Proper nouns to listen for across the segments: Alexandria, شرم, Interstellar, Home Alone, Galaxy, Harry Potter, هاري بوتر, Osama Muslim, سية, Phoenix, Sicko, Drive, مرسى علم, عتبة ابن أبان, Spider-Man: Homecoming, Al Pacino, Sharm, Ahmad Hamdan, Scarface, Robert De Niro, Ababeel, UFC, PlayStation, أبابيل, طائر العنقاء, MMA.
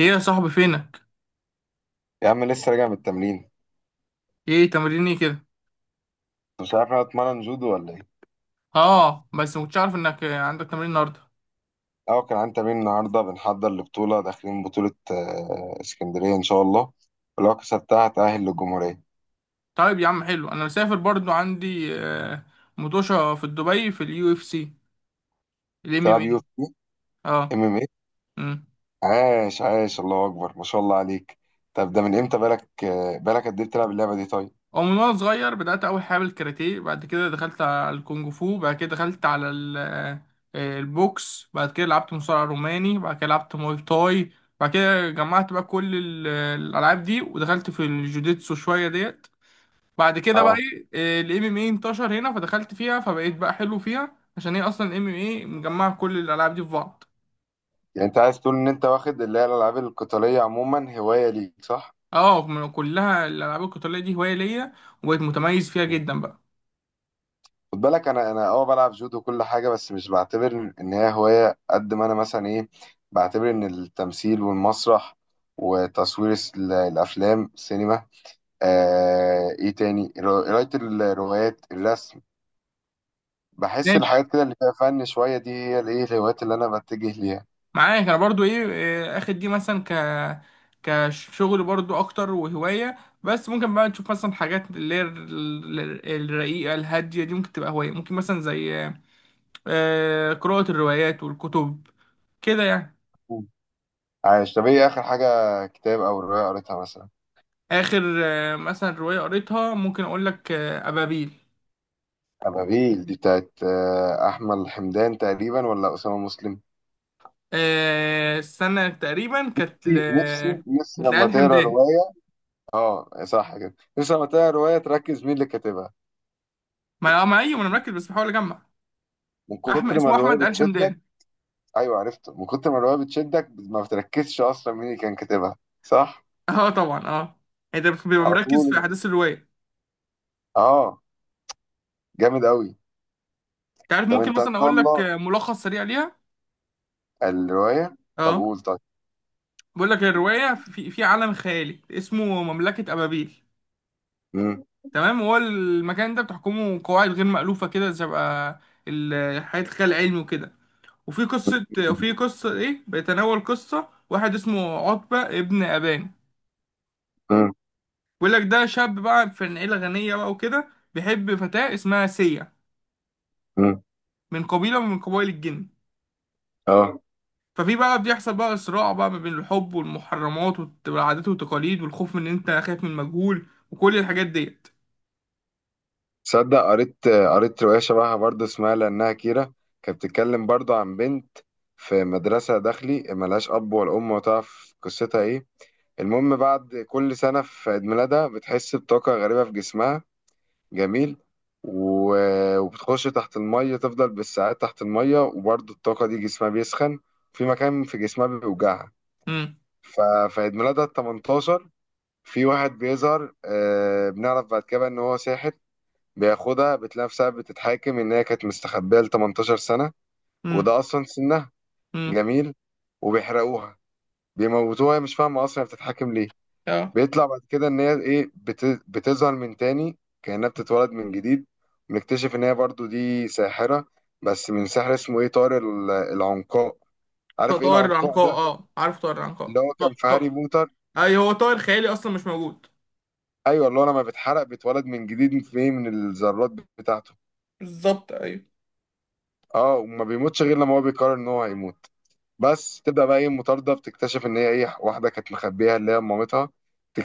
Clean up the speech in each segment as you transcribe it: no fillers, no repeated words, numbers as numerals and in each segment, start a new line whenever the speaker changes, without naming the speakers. ايه يا صاحبي فينك؟
يا عم لسه راجع من التمرين انت.
ايه تمرين ايه كده؟
مش عارف انا اتمرن جودو ولا ايه.
اه بس مكنتش عارف انك عندك تمرين النهارده.
اه كان عندي تمرين النهارده، بنحضر لبطوله، داخلين بطوله اسكندريه ان شاء الله. ولو كسبتها هتأهل للجمهوريه.
طيب يا عم، حلو. انا مسافر برضو، عندي مطوشه في دبي في اليو اف سي، الام ام
تلعب يو
اي.
اف سي
اه.
ام ام اي؟
امم.
عاش عاش، الله اكبر، ما شاء الله عليك. طب ده من امتى، بالك قد ايه بتلعب اللعبه دي؟ طيب،
ومن وانا صغير بدات اول حاجه بالكاراتيه، بعد كده دخلت على الكونج فو، بعد كده دخلت على البوكس، بعد كده لعبت مصارع روماني، بعد كده لعبت موي تاي، بعد كده جمعت بقى كل الالعاب دي ودخلت في الجوجيتسو شويه ديت، بعد كده بقى
اه.
الام ام اي انتشر هنا، فدخلت فيها، فبقيت بقى حلو فيها، عشان هي اصلا الام ام اي مجمعه كل الالعاب دي في بعض.
يعني انت عايز تقول ان انت واخد اللي هي الالعاب القتاليه عموما هوايه ليك، صح؟
اه، من كلها الالعاب القتاليه دي هوايه ليا، وبقيت متميز فيها جدا بقى.
خد بالك، انا اه بلعب جودو كل حاجه، بس مش بعتبر ان هي هوايه قد ما انا مثلا ايه، بعتبر ان التمثيل والمسرح وتصوير الافلام، سينما، آه ايه تاني، قرايه الروايات، الرسم. بحس
ماشي.
الحاجات كده اللي فيها فن شويه دي هي الايه، الهوايات اللي انا بتجه ليها.
معاك. انا برضو ايه إيه، اخد دي مثلا كشغل برضو اكتر وهوايه، بس ممكن بقى نشوف مثلا حاجات اللي هي الرقيقه الهاديه دي ممكن تبقى هوايه، ممكن مثلا زي قراءه الروايات والكتب، كده يعني.
مم. عايش. طب ايه اخر حاجه، كتاب او روايه قريتها مثلا؟
اخر مثلا روايه قريتها ممكن اقول لك ابابيل.
ابابيل دي بتاعت احمد حمدان تقريبا، ولا اسامه مسلم؟
السنه تقريبا
نفسي نفسي نفسي
كانت
لما
لآل
تقرا
حمدان.
روايه. اه صح كده، نفسي لما تلاقي روايه تركز مين اللي كاتبها.
ما اه ما ايوه، ما انا مركز بس بحاول اجمع.
من كتر ما
اسمه
الروايه
احمد آل
بتشدك.
حمدان.
ايوه، عرفته. من كتر ما الروايه بتشدك ما بتركزش اصلا مين اللي كان كاتبها، صح.
اه طبعا، اه. انت بتبقى
على
مركز في
طول.
احداث الروايه.
اه. جامد قوي.
انت عارف،
طب
ممكن
انت ان
مثلا
شاء
اقول لك
الله
ملخص سريع ليها.
الروايه. طب
اه،
قول، طيب.
بقول لك الروايه في عالم خيالي اسمه مملكه ابابيل.
مم.
تمام، هو المكان ده بتحكمه قواعد غير مألوفه كده، شبه حياه الخيال العلمي وكده. وفي قصة بيتناول قصة واحد اسمه عتبة ابن أبان.
مم.
بيقول لك ده شاب بقى في عيلة غنية بقى وكده، بيحب فتاة اسمها سية،
مم.
من قبيلة من قبائل الجن.
اه.
ففي بقى بيحصل بقى صراع بقى ما بين الحب والمحرمات والعادات والتقاليد والخوف من إن أنت خايف من المجهول وكل الحاجات ديت.
تصدق قريت روايه شبهها برضه، اسمها لانها كيرة. كانت بتتكلم برضه عن بنت في مدرسه داخلي ملهاش اب ولا ام، وتعرف قصتها ايه. المهم بعد كل سنة في عيد ميلادها بتحس بطاقة غريبة في جسمها. جميل. و... وبتخش تحت المية، تفضل بالساعات تحت المية، وبرضه الطاقة دي جسمها بيسخن، في مكان في جسمها بيوجعها.
امم.
ففي عيد ميلادها التمنتاشر في واحد بيظهر، آه بنعرف بعد كده إن هو ساحر. بياخدها، بتلاقي نفسها بتتحاكم إن هي كانت مستخبية لتمنتاشر سنة،
امم.
وده أصلا سنها.
امم.
جميل. وبيحرقوها، بيموتوها. هي مش فاهمة أصلا هي بتتحاكم ليه.
اه.
بيطلع بعد كده ان هي ايه، بتظهر من تاني، كأنها بتتولد من جديد. ونكتشف ان هي برضو دي ساحرة، بس من سحر اسمه ايه، طار العنقاء. عارف ايه
طائر
العنقاء
العنقاء،
ده؟
اه، عارف طائر العنقاء
اللي هو كان في
ط-
هاري
ط-
بوتر.
ايوه، هو طائر خيالي اصلا مش موجود.
ايوه اللي هو لما بيتحرق بيتولد من جديد في ايه، من الذرات بتاعته.
بالظبط، ايوه.
اه، وما بيموتش غير لما هو بيقرر ان هو هيموت. بس تبدا بقى ايه، المطارده. بتكتشف ان هي ايه، واحده كانت مخبيها اللي هي مامتها.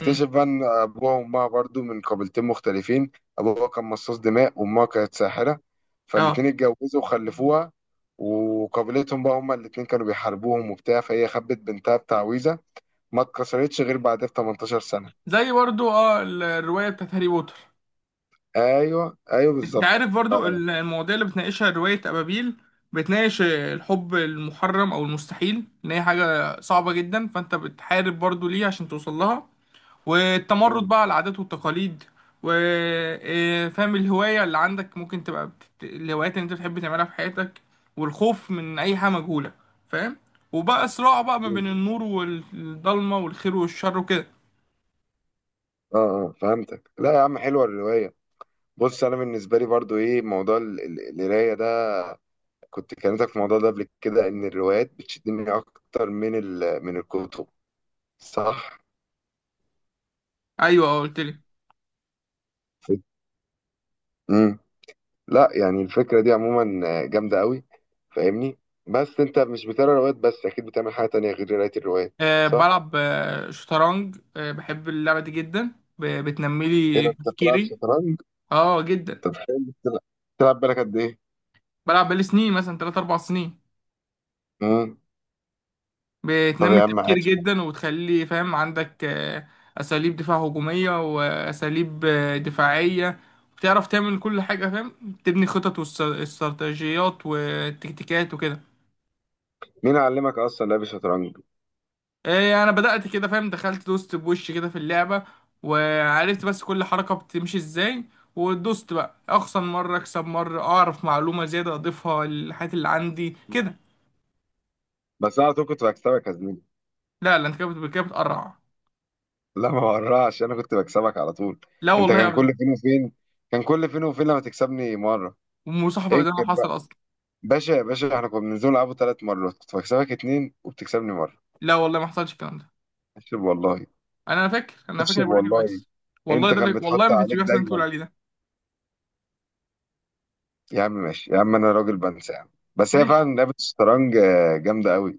امم.
بقى ان ابوها وامها برضو من قبيلتين مختلفين. ابوها كان مصاص دماء وامها كانت ساحره،
اه،
فالاتنين اتجوزوا وخلفوها. وقبيلتهم بقى هما الاتنين كانوا بيحاربوهم وبتاع، فهي خبت بنتها بتعويذه ما اتكسرتش غير بعدها ب 18 سنه.
زي برضو الرواية بتاعت هاري بوتر.
ايوه ايوه
انت عارف
بالظبط،
برضو المواضيع اللي بتناقشها رواية أبابيل. بتناقش الحب المحرم أو المستحيل، إن هي حاجة صعبة جدا، فأنت بتحارب برضو ليه عشان توصل لها، والتمرد
مم.
بقى على العادات والتقاليد، وفهم الهواية اللي عندك ممكن تبقى الهوايات اللي أنت بتحب تعملها في حياتك، والخوف من أي حاجة مجهولة. فاهم. وبقى صراع بقى ما
مم.
بين النور والضلمة والخير والشر وكده.
اه اه فهمتك. لا يا عم حلوه الروايه. بص انا بالنسبه لي برضو ايه، موضوع القرايه ده، كنت كلمتك في الموضوع ده قبل كده، ان الروايات بتشدني اكتر من من الكتب، صح.
أيوه، قلت لي.
امم. لا يعني الفكره دي عموما جامده قوي، فاهمني. بس انت مش بتقرا روايات بس، اكيد بتعمل حاجه تانية غير قرايه الروايات،
أه،
صح.
بلعب شطرنج، أه بحب اللعبة دي جدا، بتنمي لي
كده انت بتلعب
تفكيري.
شطرنج.
اه، جدا.
انت بتحب تلعب؟ تلعب بالك قد ايه؟
بلعب بقالي سنين، مثلا 3 4 سنين.
امم. طب
بتنمي
يا عم
التفكير
عاش.
جدا، وتخلي فاهم عندك أساليب دفاع هجومية، وأساليب دفاعية. بتعرف تعمل كل حاجة، فاهم، تبني خطط واستراتيجيات وتكتيكات وكده.
مين علمك اصلا لعب الشطرنج؟
انا بدأت كده، فاهم، دخلت دوست بوش كده في اللعبة، وعرفت بس كل حركة بتمشي ازاي، ودوست بقى، اخسر مرة اكسب مرة، اعرف معلومة زيادة اضيفها للحاجات اللي عندي كده.
بس انا على طول كنت بكسبك يا زميلي.
لا، لا، انت كده بتقرع.
لا ما ورعش، انا كنت بكسبك على طول.
لا
انت
والله،
كان
ابدا.
كل فين وفين، كان كل فين وفين لما تكسبني مره.
ومصاحبة
انكر
ابدا، ما حصل
بقى.
اصلا.
باشا يا باشا، احنا كنا بننزل نلعبه 3 مرات، كنت بكسبك 2 وبتكسبني مرة.
لا والله، ما حصلش الكلام ده.
اكسب والله.
انا فاكر،
اكسب
انا بقول لك إيه
والله.
كويس. والله،
انت كان
والله
بيتحط
ما كانش
عليك
بيحصل اللي انت بتقول
دايما.
عليه ده.
يا عم ماشي يا عم، انا راجل بنسى يا عم. بس هي
ماشي.
فعلا لعبة الشطرنج جامدة قوي،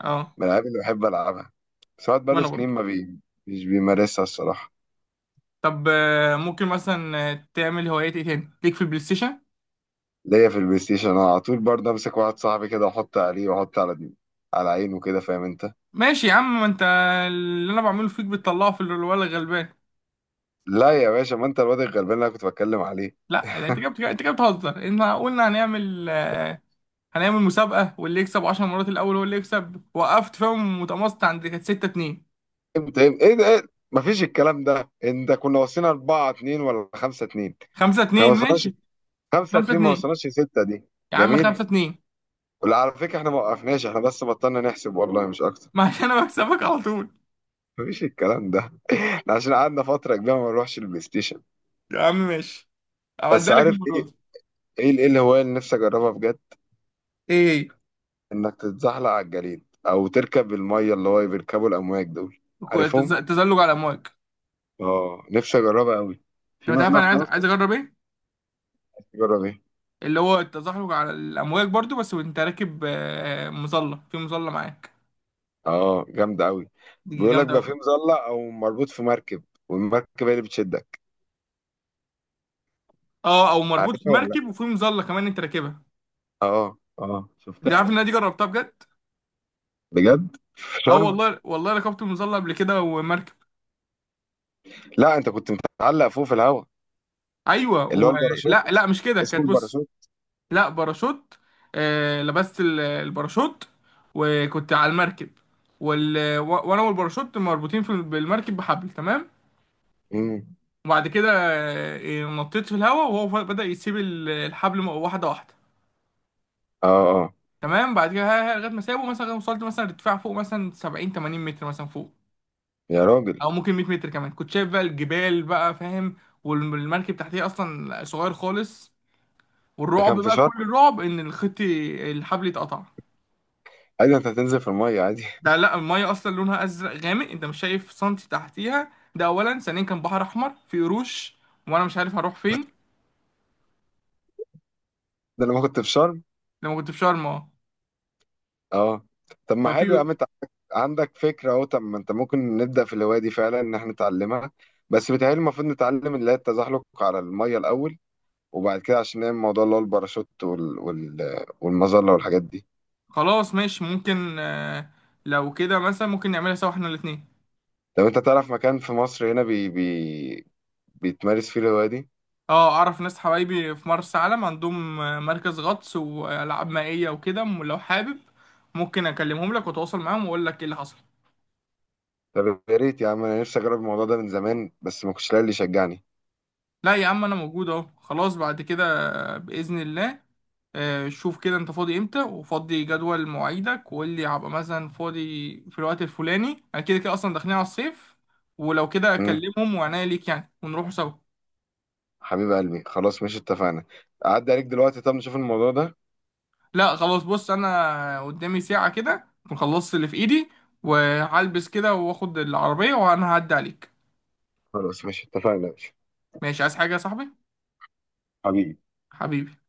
اه.
من الالعاب اللي بحب العبها. بس الواحد بقاله
وانا
سنين
برضه.
ما بي... مش بيمارسها الصراحة.
طب ممكن مثلا تعمل هوايات ايه تاني ليك في البلاي ستيشن؟
ليا في البلاي ستيشن، انا على طول برضه امسك واحد صاحبي كده واحط عليه، واحط على دي على عينه كده، فاهم انت.
ماشي يا عم، ما انت اللي انا بعمله فيك بتطلعه في الولد الغلبان.
لا يا باشا، ما انت الواد الغلبان اللي انا كنت بتكلم عليه.
لا يعني، انت جبت بتهزر. انت قلنا هنعمل هنعمل مسابقة، واللي يكسب 10 مرات الاول هو اللي يكسب، وقفت فيهم متماسك عند كانت 6-2.
امتى، ايه ده؟ إيه؟ مفيش الكلام ده، انت كنا وصلنا 4-2 ولا 5-2،
5
ما
2
وصلناش
ماشي.
5
5
2 ما
2
وصلناش 6 دي.
يا عم، 5
جميل.
2
ولا على فكره احنا ما وقفناش، احنا بس بطلنا نحسب والله مش اكتر.
ما عشان انا بكسبك على طول.
مفيش الكلام ده، احنا عشان قعدنا فتره كبيره ما نروحش البلاي ستيشن.
يا عم ماشي،
بس
اعدها لك
عارف
المرة
ايه،
دي.
ايه الهوايه اللي نفسي اجربها بجد؟
ايه.
انك تتزحلق على الجليد، او تركب الميه اللي هو بيركبوا الامواج دول، عارفهم.
التزلج على الامواج.
اه نفسي اجربها قوي.
انت
في
مش عارف
منها
انا
في
عايز
مصر؟
عايز اجرب ايه؟
نفسي اجرب إيه؟
اللي هو التزحلق على الامواج برضو، بس وانت راكب مظلة، في مظلة معاك.
اه جامدة أوي.
دي
بيقول لك بقى في
جامدة.
مظلة، أو مربوط في مركب والمركب هي اللي بتشدك.
اه، او مربوط في
عارفها ولا لأ؟
مركب وفي مظله كمان انت راكبها.
اه اه
انت
شفتها
عارف ان
دي.
انا دي جربتها بجد.
بجد في
اه
شرم.
والله، والله ركبت مظله قبل كده ومركب.
لا أنت كنت متعلق فوق في الهوا،
ايوه
اللي هو
و...
الباراشوت.
لا لا، مش كده،
اسمه
كانت بص.
الباراشوت.
لا، باراشوت. آه، لبست الباراشوت، وكنت على المركب، وانا والباراشوت مربوطين بالمركب بحبل. تمام.
امم.
وبعد كده نطيت في الهواء، وهو بدأ يسيب الحبل واحده واحده.
اه اه.
تمام. بعد كده ها- ها، لغايه ما سابه، مثلا وصلت مثلا ارتفاع فوق مثلا 70 80 متر مثلا فوق،
يا راجل.
او ممكن 100 متر كمان. كنت شايف بقى الجبال بقى، فاهم، والمركب تحتيه اصلا صغير خالص،
ده
والرعب
كان في
بقى
شرم.
كل الرعب ان الحبل يتقطع.
عادي أنت هتنزل في المية عادي.
ده لا، الميه اصلا لونها ازرق غامق، انت مش شايف سنتي تحتيها، ده اولا، ثانيا كان بحر احمر في قروش وانا مش عارف هروح فين.
ده لما كنت في شرم.
لما كنت في شرم، اه.
اه. طب ما
ففي
حلو يا عم، أنت عندك، عندك فكرة أهو. طب ما أنت ممكن نبدأ في الهواية دي فعلا، إن إحنا نتعلمها. بس بيتهيألي المفروض نتعلم اللي هي التزحلق على المية الأول، وبعد كده عشان نعمل موضوع اللي هو الباراشوت والمظلة والحاجات دي.
خلاص، ماشي، ممكن لو كده مثلا ممكن نعملها سوا، احنا الاثنين.
لو انت تعرف مكان في مصر هنا بيتمارس فيه الهواية دي.
اه، اعرف ناس حبايبي في مرسى علم عندهم مركز غطس والعاب مائيه وكده، لو حابب ممكن اكلمهم لك واتواصل معاهم واقول لك ايه اللي حصل.
طب يا ريت يا عم، انا نفسي اجرب الموضوع ده من زمان بس ما كنتش لاقي اللي يشجعني.
لا يا عم، انا موجود اهو، خلاص، بعد كده باذن الله. شوف كده انت فاضي امتى، وفضي جدول مواعيدك وقول لي، هبقى مثلا فاضي في الوقت الفلاني، انا كده كده اصلا داخلين على الصيف، ولو كده
امم.
اكلمهم وعناية ليك يعني ونروحوا سوا.
حبيب قلبي، خلاص ماشي، اتفقنا. اعدي عليك دلوقتي طب، نشوف الموضوع ده.
لا خلاص، بص، انا قدامي ساعة كده أكون خلصت اللي في ايدي، وهلبس كده واخد العربية وانا هعدي عليك.
خلاص ماشي اتفقنا يا باشا.
ماشي. عايز حاجة يا صاحبي؟
حبيبي.
حبيبي.